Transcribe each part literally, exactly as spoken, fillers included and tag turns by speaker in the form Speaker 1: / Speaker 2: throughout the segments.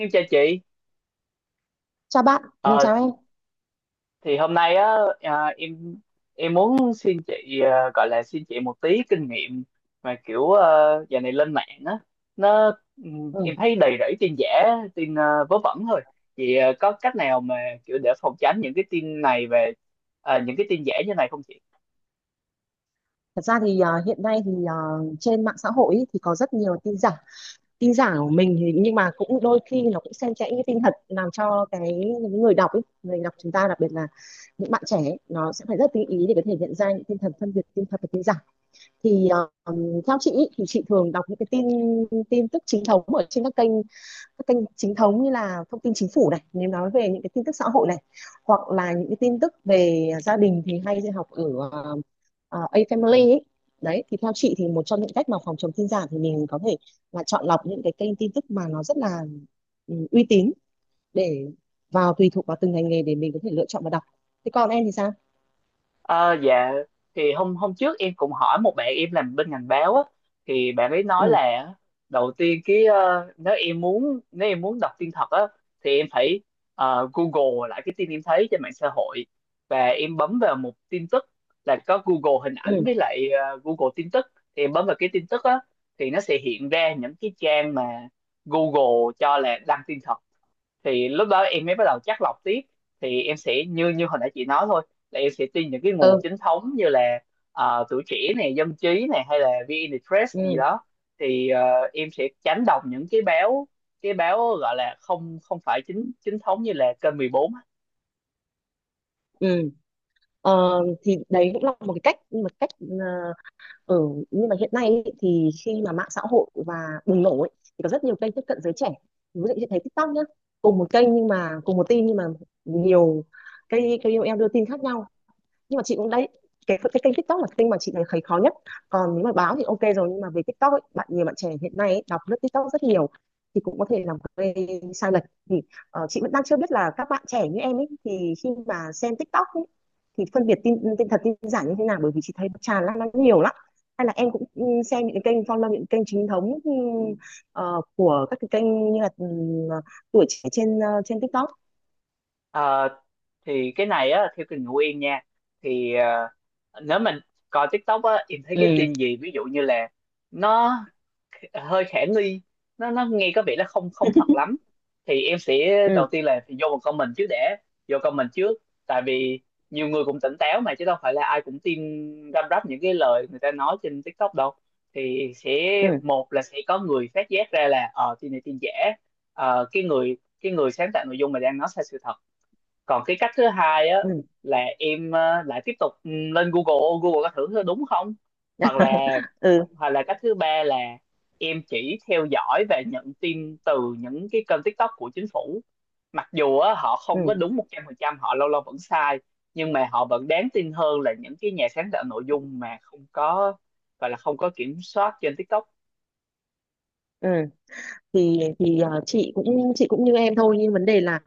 Speaker 1: em chào chị.
Speaker 2: Chào bạn, ừ,
Speaker 1: Ờ,
Speaker 2: chào em.
Speaker 1: thì hôm nay á, à, em em muốn xin chị, à, gọi là xin chị một tí kinh nghiệm, mà kiểu à, giờ này lên mạng á, nó ừm, em
Speaker 2: Ừ.
Speaker 1: thấy đầy rẫy tin giả, tin à, vớ vẩn thôi. Chị, à, có cách nào mà kiểu để phòng tránh những cái tin này, về à, những cái tin giả như này không chị?
Speaker 2: Thật ra thì à, hiện nay thì à, trên mạng xã hội ý, thì có rất nhiều tin giả, tin giả của mình thì nhưng mà cũng đôi khi nó cũng xen kẽ những tin thật làm cho cái những người đọc ý, người đọc chúng ta đặc biệt là những bạn trẻ ý, nó sẽ phải rất tinh ý để có thể nhận ra những tin thật, phân biệt tin thật và tin giả. Thì à, Theo chị ý, thì chị thường đọc những cái tin tin tức chính thống ở trên các kênh các kênh chính thống như là thông tin chính phủ này nếu nói về những cái tin tức xã hội này hoặc là những cái tin tức về gia đình thì hay học ở uh, A Family ấy. Đấy thì theo chị thì một trong những cách mà phòng chống tin giả thì mình có thể là chọn lọc những cái kênh tin tức mà nó rất là ừ, uy tín để vào tùy thuộc vào từng ngành nghề để mình có thể lựa chọn và đọc. Thế còn em thì sao?
Speaker 1: Ờ, dạ, thì hôm hôm trước em cũng hỏi một bạn em làm bên ngành báo á, thì bạn ấy nói
Speaker 2: Ừ,
Speaker 1: là đầu tiên cái, ờ, nếu em muốn nếu em muốn đọc tin thật á thì em phải, ờ, Google lại cái tin em thấy trên mạng xã hội, và em bấm vào một tin tức là có Google hình
Speaker 2: ừ,
Speaker 1: ảnh với lại ờ, Google tin tức. Thì em bấm vào cái tin tức á thì nó sẽ hiện ra những cái trang mà Google cho là đăng tin thật, thì lúc đó em mới bắt đầu chắt lọc tiếp. Thì em sẽ như như hồi nãy chị nói thôi, là em sẽ tin những cái nguồn
Speaker 2: ừ,
Speaker 1: chính thống như là ờ, tuổi trẻ này, dân trí này, hay là VnExpress gì
Speaker 2: ừ.
Speaker 1: đó. Thì ờ, em sẽ tránh đọc những cái báo, cái báo gọi là không không phải chính chính thống như là kênh mười bốn.
Speaker 2: Ừ. Ờ, thì đấy cũng là một cái cách một cách ờ, ừ, nhưng mà hiện nay ý, thì khi mà mạng xã hội và bùng nổ ấy, thì có rất nhiều kênh tiếp cận giới trẻ ví dụ như thấy TikTok nhá, cùng một kênh nhưng mà cùng một tin nhưng mà nhiều cái ca ô lờ đưa tin khác nhau, nhưng mà chị cũng đấy, cái cái kênh TikTok là kênh mà chị thấy khó nhất, còn nếu mà báo thì ok rồi nhưng mà về TikTok ấy, bạn nhiều bạn trẻ hiện nay ấy, đọc lướt TikTok rất nhiều thì cũng có thể làm gây sai lệch. Thì ờ, chị vẫn đang chưa biết là các bạn trẻ như em ấy thì khi mà xem TikTok ấy, thì phân biệt tin tin thật tin giả như thế nào bởi vì chị thấy nó tràn lan nó nhiều lắm, hay là em cũng ừ, xem những cái kênh follow những kênh chính thống, ừ, ờ, của các cái kênh như là ừ, ờ, tuổi trẻ trên ờ, trên TikTok.
Speaker 1: Ờ, thì cái này á, theo kinh nghiệm của em nha, thì ờ, nếu mình coi TikTok á, em thấy cái
Speaker 2: Ừ,
Speaker 1: tin gì ví dụ như là nó hơi khả nghi, nó nó nghe có vẻ nó không không thật lắm, thì em sẽ,
Speaker 2: ừ,
Speaker 1: đầu tiên là vô một comment trước để, vô comment trước tại vì nhiều người cũng tỉnh táo mà, chứ đâu phải là ai cũng tin răm rắp những cái lời người ta nói trên TikTok đâu. Thì sẽ,
Speaker 2: ừ,
Speaker 1: một là sẽ có người phát giác ra là, ờ tin này tin giả, ờ, cái người cái người sáng tạo nội dung mà đang nói sai sự thật. Còn cái cách thứ hai á,
Speaker 2: ừ,
Speaker 1: là em ờ, lại tiếp tục, ừ, lên Google, Google có thử đúng không, hoặc là, hoặc là cách thứ ba là em chỉ theo dõi và nhận tin từ những cái kênh TikTok của chính phủ. Mặc dù á, họ không có
Speaker 2: ừ,
Speaker 1: đúng một trăm phần trăm, họ lâu lâu vẫn sai, nhưng mà họ vẫn đáng tin hơn là những cái nhà sáng tạo nội dung mà không có, gọi là không có kiểm soát trên TikTok.
Speaker 2: ừ. Thì thì ờ, chị cũng chị cũng như em thôi, nhưng vấn đề là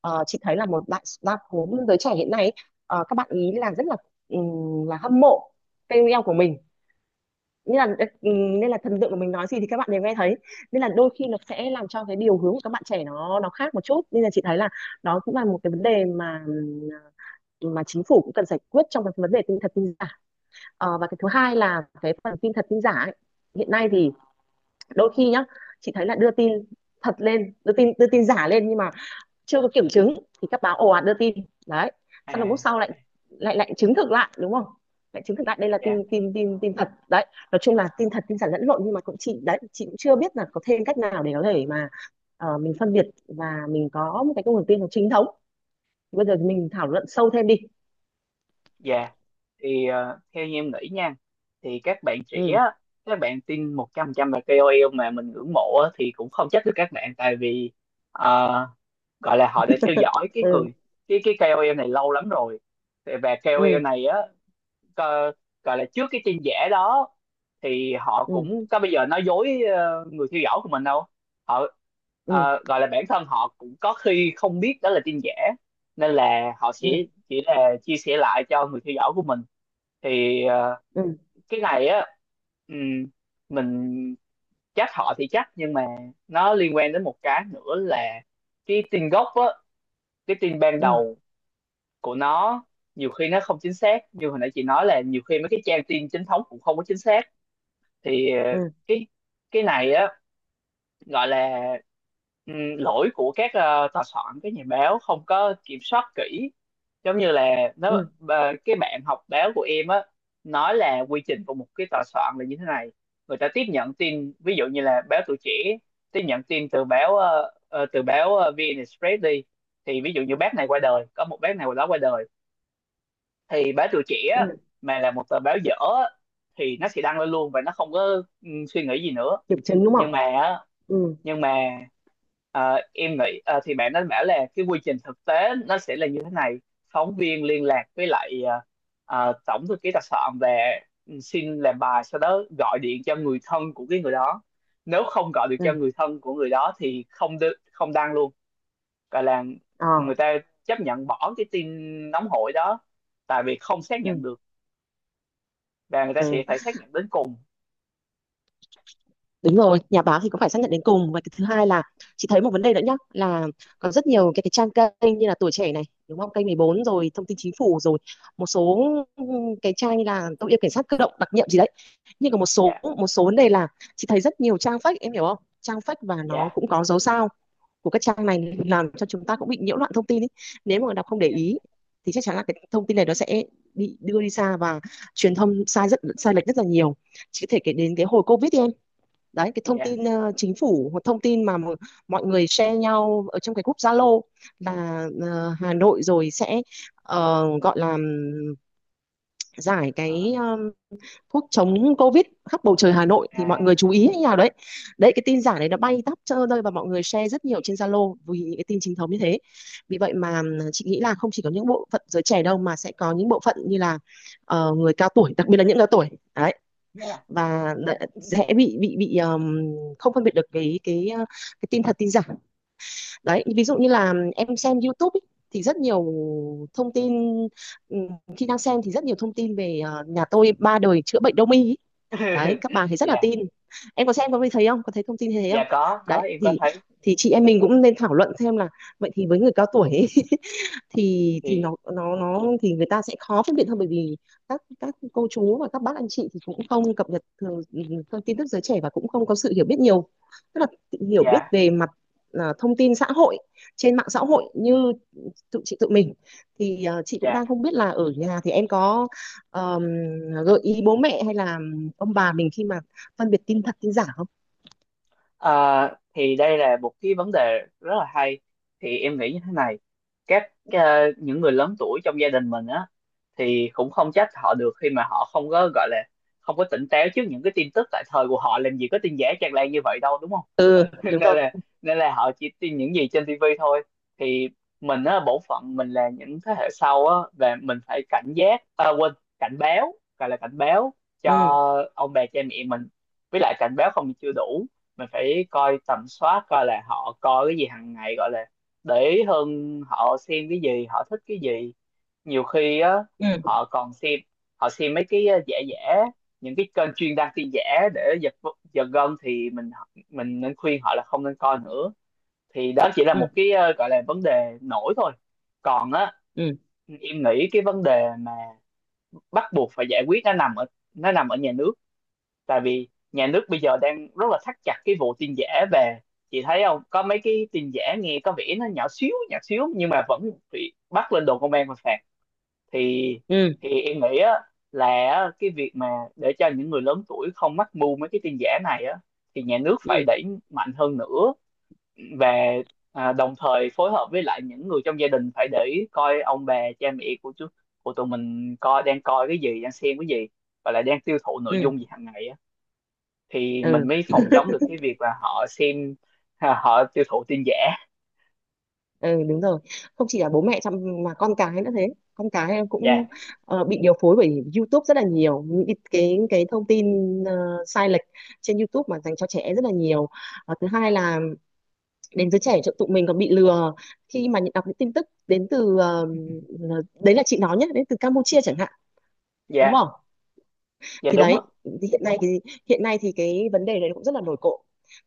Speaker 2: ờ, chị thấy là một đại đa số giới trẻ hiện nay ấy, ờ, các bạn ý là rất là ừm, là hâm mộ ca ô lờ của mình, nên là ừm, nên là thần tượng của mình nói gì thì các bạn đều nghe thấy, nên là đôi khi nó sẽ làm cho cái điều hướng của các bạn trẻ nó nó khác một chút, nên là chị thấy là đó cũng là một cái vấn đề mà ừm, mà chính phủ cũng cần giải quyết trong cái vấn đề tin thật tin giả. Ờ, và cái thứ hai là cái phần tin thật tin giả ấy, hiện nay thì đôi khi nhá, chị thấy là đưa tin thật lên, đưa tin đưa tin giả lên nhưng mà chưa có kiểm chứng thì các báo ồ ạt đưa tin đấy,
Speaker 1: À,
Speaker 2: xong rồi lúc sau lại
Speaker 1: à,
Speaker 2: lại lại chứng thực lại đúng không, lại chứng thực lại đây là
Speaker 1: dạ,
Speaker 2: tin tin tin tin thật đấy. Nói chung là tin thật tin giả lẫn lộn nhưng mà cũng chị đấy chị cũng chưa biết là có thêm cách nào để có thể mà ờ, mình phân biệt và mình có một cái nguồn tin nó chính thống. Bây giờ mình thảo luận sâu thêm đi.
Speaker 1: dạ, thì ờ, theo như em nghĩ nha, thì các bạn trẻ
Speaker 2: Ừ.
Speaker 1: á, các bạn tin một trăm phần trăm là ca o lờ mà mình ngưỡng mộ á, thì cũng không trách được các bạn, tại vì ờ, gọi là họ đã theo dõi cái người,
Speaker 2: Ừ,
Speaker 1: cái cái kay âu eo này lâu lắm rồi. Thì- và
Speaker 2: ừ,
Speaker 1: ca o lờ này á, co- gọi là trước cái tin giả đó thì họ
Speaker 2: ừ,
Speaker 1: cũng có bây giờ nói dối ờ, người theo dõi của mình đâu. Họ,
Speaker 2: ừ,
Speaker 1: ờ, gọi là bản thân họ cũng có khi không biết đó là tin giả, nên là họ
Speaker 2: ừ,
Speaker 1: sẽ chỉ là chia sẻ lại cho người theo dõi của mình. Thì ờ,
Speaker 2: ừ,
Speaker 1: cái này á, ừm, mình trách họ thì trách, nhưng mà nó liên quan đến một cái nữa là cái tin gốc á cái tin ban
Speaker 2: ừ,
Speaker 1: đầu của nó. Nhiều khi nó không chính xác, như hồi nãy chị nói là nhiều khi mấy cái trang tin chính thống cũng không có chính xác. Thì ờ,
Speaker 2: ừ,
Speaker 1: cái cái này á, gọi là, ừm, lỗi của các, ờ, tòa soạn, các nhà báo không có kiểm soát kỹ, giống như là nó
Speaker 2: ừ,
Speaker 1: ờ, cái bạn học báo của em á nói là quy trình của một cái tòa soạn là như thế này: người ta tiếp nhận tin, ví dụ như là báo Tuổi Trẻ tiếp nhận tin từ báo, ờ, ờ, từ báo ờ, vê en Express đi. Thì ví dụ như bác này qua đời, có một bác này qua đó qua đời, thì báo Tuổi Trẻ
Speaker 2: ừ.
Speaker 1: á, mà là một tờ báo dở á, thì nó sẽ đăng lên luôn, và nó không có ừ, suy nghĩ gì nữa.
Speaker 2: Kiểm chứng đúng không.
Speaker 1: nhưng mà á,
Speaker 2: Ừ,
Speaker 1: nhưng mà ờ, em nghĩ, ờ, thì bạn đã bảo là cái quy trình thực tế nó sẽ là như thế này: phóng viên liên lạc với lại ờ, ờ, tổng thư ký đặc soạn, và ừ, xin làm bài, sau đó gọi điện cho người thân của cái người đó. Nếu không gọi được
Speaker 2: ừ.
Speaker 1: cho người thân của người đó thì không đ- không đăng luôn, gọi là
Speaker 2: Ờ,
Speaker 1: người ta chấp nhận bỏ cái tin nóng hổi đó, tại vì không xác nhận
Speaker 2: ừ,
Speaker 1: được, và người ta
Speaker 2: ừ,
Speaker 1: sẽ phải xác nhận đến cùng.
Speaker 2: đúng rồi, nhà báo thì cũng phải xác nhận đến cùng. Và cái thứ hai là chị thấy một vấn đề nữa nhá, là có rất nhiều cái, cái trang kênh như là Tuổi Trẻ này đúng không, kênh mười bốn rồi thông tin chính phủ rồi một số ừ, cái trang như là tôi yêu cảnh sát cơ động đặc nhiệm gì đấy. Nhưng còn một số
Speaker 1: Dạ,
Speaker 2: một số vấn đề là chị thấy rất nhiều trang fake, em hiểu không, trang fake và nó
Speaker 1: dạ,
Speaker 2: cũng có dấu sao của các trang này làm cho chúng ta cũng bị nhiễu loạn thông tin ấy. Nếu mà đọc không để
Speaker 1: dạ,
Speaker 2: ý thì chắc chắn là cái thông tin này nó sẽ bị đưa đi xa và truyền thông sai rất sai lệch rất là nhiều. Chỉ có thể kể đến cái hồi covid đi em, đấy cái thông
Speaker 1: dạ.
Speaker 2: tin ờ, chính phủ, một thông tin mà mọi người share nhau ở trong cái group Zalo là ờ, Hà Nội rồi sẽ ờ, gọi là giải
Speaker 1: Ờ,
Speaker 2: cái ờ, thuốc chống Covid khắp bầu trời Hà Nội
Speaker 1: à,
Speaker 2: thì mọi người chú ý
Speaker 1: à,
Speaker 2: như nào đấy. Đấy cái tin giả này nó bay tắp trơ rơi và mọi người share rất nhiều trên Zalo vì những cái tin chính thống như thế. Vì vậy mà chị nghĩ là không chỉ có những bộ phận giới trẻ đâu mà sẽ có những bộ phận như là ờ, người cao tuổi, đặc biệt là những cao tuổi. Đấy,
Speaker 1: dạ.
Speaker 2: và dễ bị bị bị ờm, không phân biệt được cái cái ờ, cái tin thật tin giả. Đấy, ví dụ như là em xem YouTube ý, thì rất nhiều thông tin khi đang xem, thì rất nhiều thông tin về ờ, nhà tôi ba đời chữa bệnh đông y ý, đấy các bà thì rất là
Speaker 1: Dạ,
Speaker 2: tin. Em có xem có thấy không, có thấy thông tin như thế không?
Speaker 1: dạ, có có
Speaker 2: Đấy
Speaker 1: em có
Speaker 2: thì
Speaker 1: thấy
Speaker 2: thì chị em mình cũng nên thảo luận thêm là vậy thì với người cao tuổi ấy, thì thì
Speaker 1: thì
Speaker 2: nó nó nó thì người ta sẽ khó phân biệt hơn bởi vì các các cô chú và các bác anh chị thì cũng không cập nhật thường thông tin tức giới trẻ, và cũng không có sự hiểu biết nhiều, tức là hiểu biết
Speaker 1: dạ,
Speaker 2: về mặt à, thông tin xã hội trên mạng xã hội như tự chị tự mình. Thì ờ, chị cũng
Speaker 1: dạ.
Speaker 2: đang không biết là ở nhà thì em có ờm, gợi ý bố mẹ hay là ông bà mình khi mà phân biệt tin thật tin giả không.
Speaker 1: Ờ, thì đây là một cái vấn đề rất là hay, thì em nghĩ như thế này: các ờ, những người lớn tuổi trong gia đình mình á thì cũng không trách họ được, khi mà họ không có, gọi là không có tỉnh táo trước những cái tin tức. Tại thời của họ làm gì có tin giả tràn lan như vậy đâu, đúng không?
Speaker 2: Ừ,
Speaker 1: Nên
Speaker 2: đúng rồi.
Speaker 1: là, nên là họ chỉ tin những gì trên tivi thôi. Thì mình á, bổn phận mình là những thế hệ sau á, và mình phải cảnh giác, à, quên, cảnh báo, gọi là cảnh báo cho
Speaker 2: Ừ,
Speaker 1: ông bà cha mẹ mình. Với lại cảnh báo không chưa đủ, mình phải coi tầm soát coi là họ coi cái gì hàng ngày, gọi là để ý hơn, họ xem cái gì, họ thích cái gì. Nhiều khi á
Speaker 2: ừ,
Speaker 1: họ còn xem họ xem mấy cái ờ, giả giả, những cái kênh chuyên đăng tin giả để giật giật gân, thì mình mình nên khuyên họ là không nên coi nữa. Thì đó chỉ là
Speaker 2: ừ,
Speaker 1: một cái, ờ, gọi là vấn đề nổi thôi. Còn á,
Speaker 2: ừ,
Speaker 1: em nghĩ cái vấn đề mà bắt buộc phải giải quyết nó nằm ở nó nằm ở nhà nước. Tại vì nhà nước bây giờ đang rất là thắt chặt cái vụ tin giả, về, chị thấy không, có mấy cái tin giả nghe có vẻ nó nhỏ xíu nhỏ xíu, nhưng mà vẫn bị bắt lên đồn công an và phạt. Thì
Speaker 2: ừ,
Speaker 1: thì em nghĩ á, là á, cái việc mà để cho những người lớn tuổi không mắc mưu mấy cái tin giả này á, thì nhà nước
Speaker 2: ừ,
Speaker 1: phải đẩy mạnh hơn nữa. Và à, đồng thời phối hợp với lại những người trong gia đình, phải để ý coi ông bà cha mẹ của chú, của tụi mình, coi đang coi cái gì, đang xem cái gì, và lại đang tiêu thụ nội
Speaker 2: ừ,
Speaker 1: dung gì hàng ngày á, thì
Speaker 2: ừ.
Speaker 1: mình mới phòng chống được cái việc là họ xem, à, họ tiêu thụ tin giả.
Speaker 2: Ừ, đúng rồi, không chỉ là bố mẹ chăm mà con cái nữa thế, con cái em cũng
Speaker 1: Dạ,
Speaker 2: ờ, bị điều phối bởi YouTube rất là nhiều những cái cái, cái thông tin ờ, sai lệch trên YouTube mà dành cho trẻ rất là nhiều. Ờ, thứ hai là đến giới trẻ chỗ tụi mình còn bị lừa khi mà nhận đọc những tin tức đến từ ờ, ờ, đấy là chị nói nhé, đến từ Campuchia chẳng hạn, đúng
Speaker 1: dạ,
Speaker 2: không.
Speaker 1: dạ,
Speaker 2: Thì
Speaker 1: đúng
Speaker 2: đấy
Speaker 1: á.
Speaker 2: thì hiện nay thì hiện nay thì cái vấn đề này cũng rất là nổi cộm.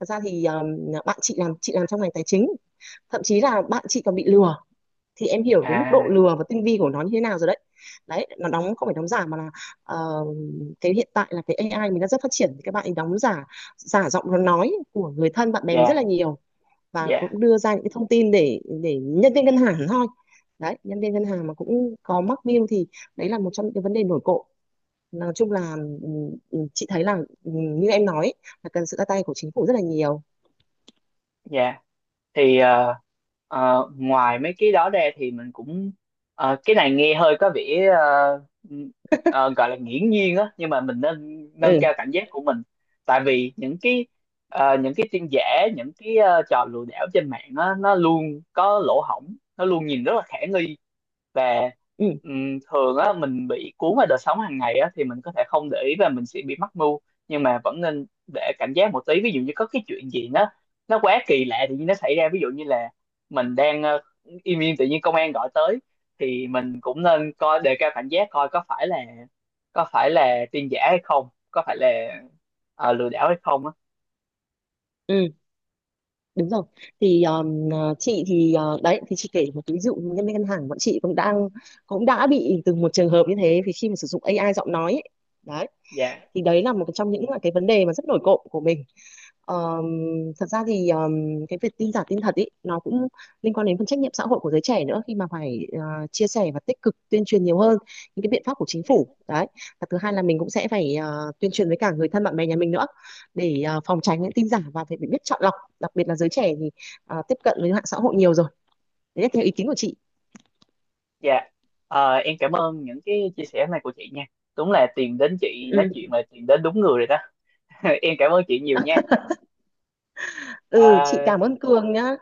Speaker 2: Thật ra thì ờ, bạn chị làm chị làm trong ngành tài chính, thậm chí là bạn chị còn bị lừa, thì em hiểu cái mức độ
Speaker 1: À,
Speaker 2: lừa và tinh vi của nó như thế nào rồi đấy. Đấy nó đóng, không phải đóng giả mà là ờ, cái hiện tại là cái a i mình đã rất phát triển thì các bạn ấy đóng giả giả giọng nó nói của người thân bạn bè mình
Speaker 1: dạ,
Speaker 2: rất là nhiều, và
Speaker 1: dạ,
Speaker 2: cũng đưa ra những cái thông tin để để nhân viên ngân hàng thôi. Đấy nhân viên ngân hàng mà cũng có mắc mưu thì đấy là một trong những cái vấn đề nổi cộ. Nói chung là ừ, ừ, chị thấy là, ừ, như em nói ấy, là cần sự ra tay của chính phủ rất là nhiều.
Speaker 1: dạ, thì ờ, ờ, ngoài mấy cái đó ra thì mình cũng, ờ, cái này nghe hơi có vẻ ờ, ờ, gọi là nghiễm nhiên á, nhưng mà mình nên nâng
Speaker 2: Ừ,
Speaker 1: cao cảnh giác của mình. Tại vì những cái ờ, những cái tin giả, những cái ờ, trò lừa đảo trên mạng á, nó luôn có lỗ hổng, nó luôn nhìn rất là khả nghi. Và
Speaker 2: ừ,
Speaker 1: ừm, thường á mình bị cuốn vào đời sống hàng ngày á, thì mình có thể không để ý và mình sẽ bị mắc mưu. Nhưng mà vẫn nên để cảnh giác một tí, ví dụ như có cái chuyện gì nó nó quá kỳ lạ tự nhiên nó xảy ra. Ví dụ như là mình đang ờ, im im, tự nhiên công an gọi tới, thì mình cũng nên coi đề cao cảnh giác coi có phải là, có phải là tin giả hay không, có phải là ờ, lừa đảo hay không á.
Speaker 2: ừ, đúng rồi. Thì um, ờ, chị thì ờ, đấy thì chị kể một cái ví dụ, nhân viên ngân hàng bọn chị cũng đang cũng đã bị từ một trường hợp như thế vì khi mà sử dụng a i giọng nói ấy, đấy.
Speaker 1: Dạ,
Speaker 2: Thì đấy là một trong những là cái vấn đề mà rất nổi cộm của mình. Ờm, Thật ra thì ờm, cái việc tin giả tin thật ý nó cũng liên quan đến phần trách nhiệm xã hội của giới trẻ nữa, khi mà phải ờ, chia sẻ và tích cực tuyên truyền nhiều hơn những cái biện pháp của chính phủ
Speaker 1: dạ,
Speaker 2: đấy. Và thứ hai là mình cũng sẽ phải ờ, tuyên truyền với cả người thân bạn bè nhà mình nữa, để ờ, phòng tránh những tin giả và phải biết chọn lọc, đặc biệt là giới trẻ thì ờ, tiếp cận với mạng xã hội nhiều rồi. Đấy là theo ý kiến của chị.
Speaker 1: dạ. Ờ, em cảm ơn những cái chia sẻ này của chị nha, đúng là tìm đến chị nói
Speaker 2: Ừ,
Speaker 1: chuyện là tìm đến đúng người rồi đó. Em cảm ơn chị nhiều nha. Ờ,
Speaker 2: ừ, chị cảm ơn Cường nhá.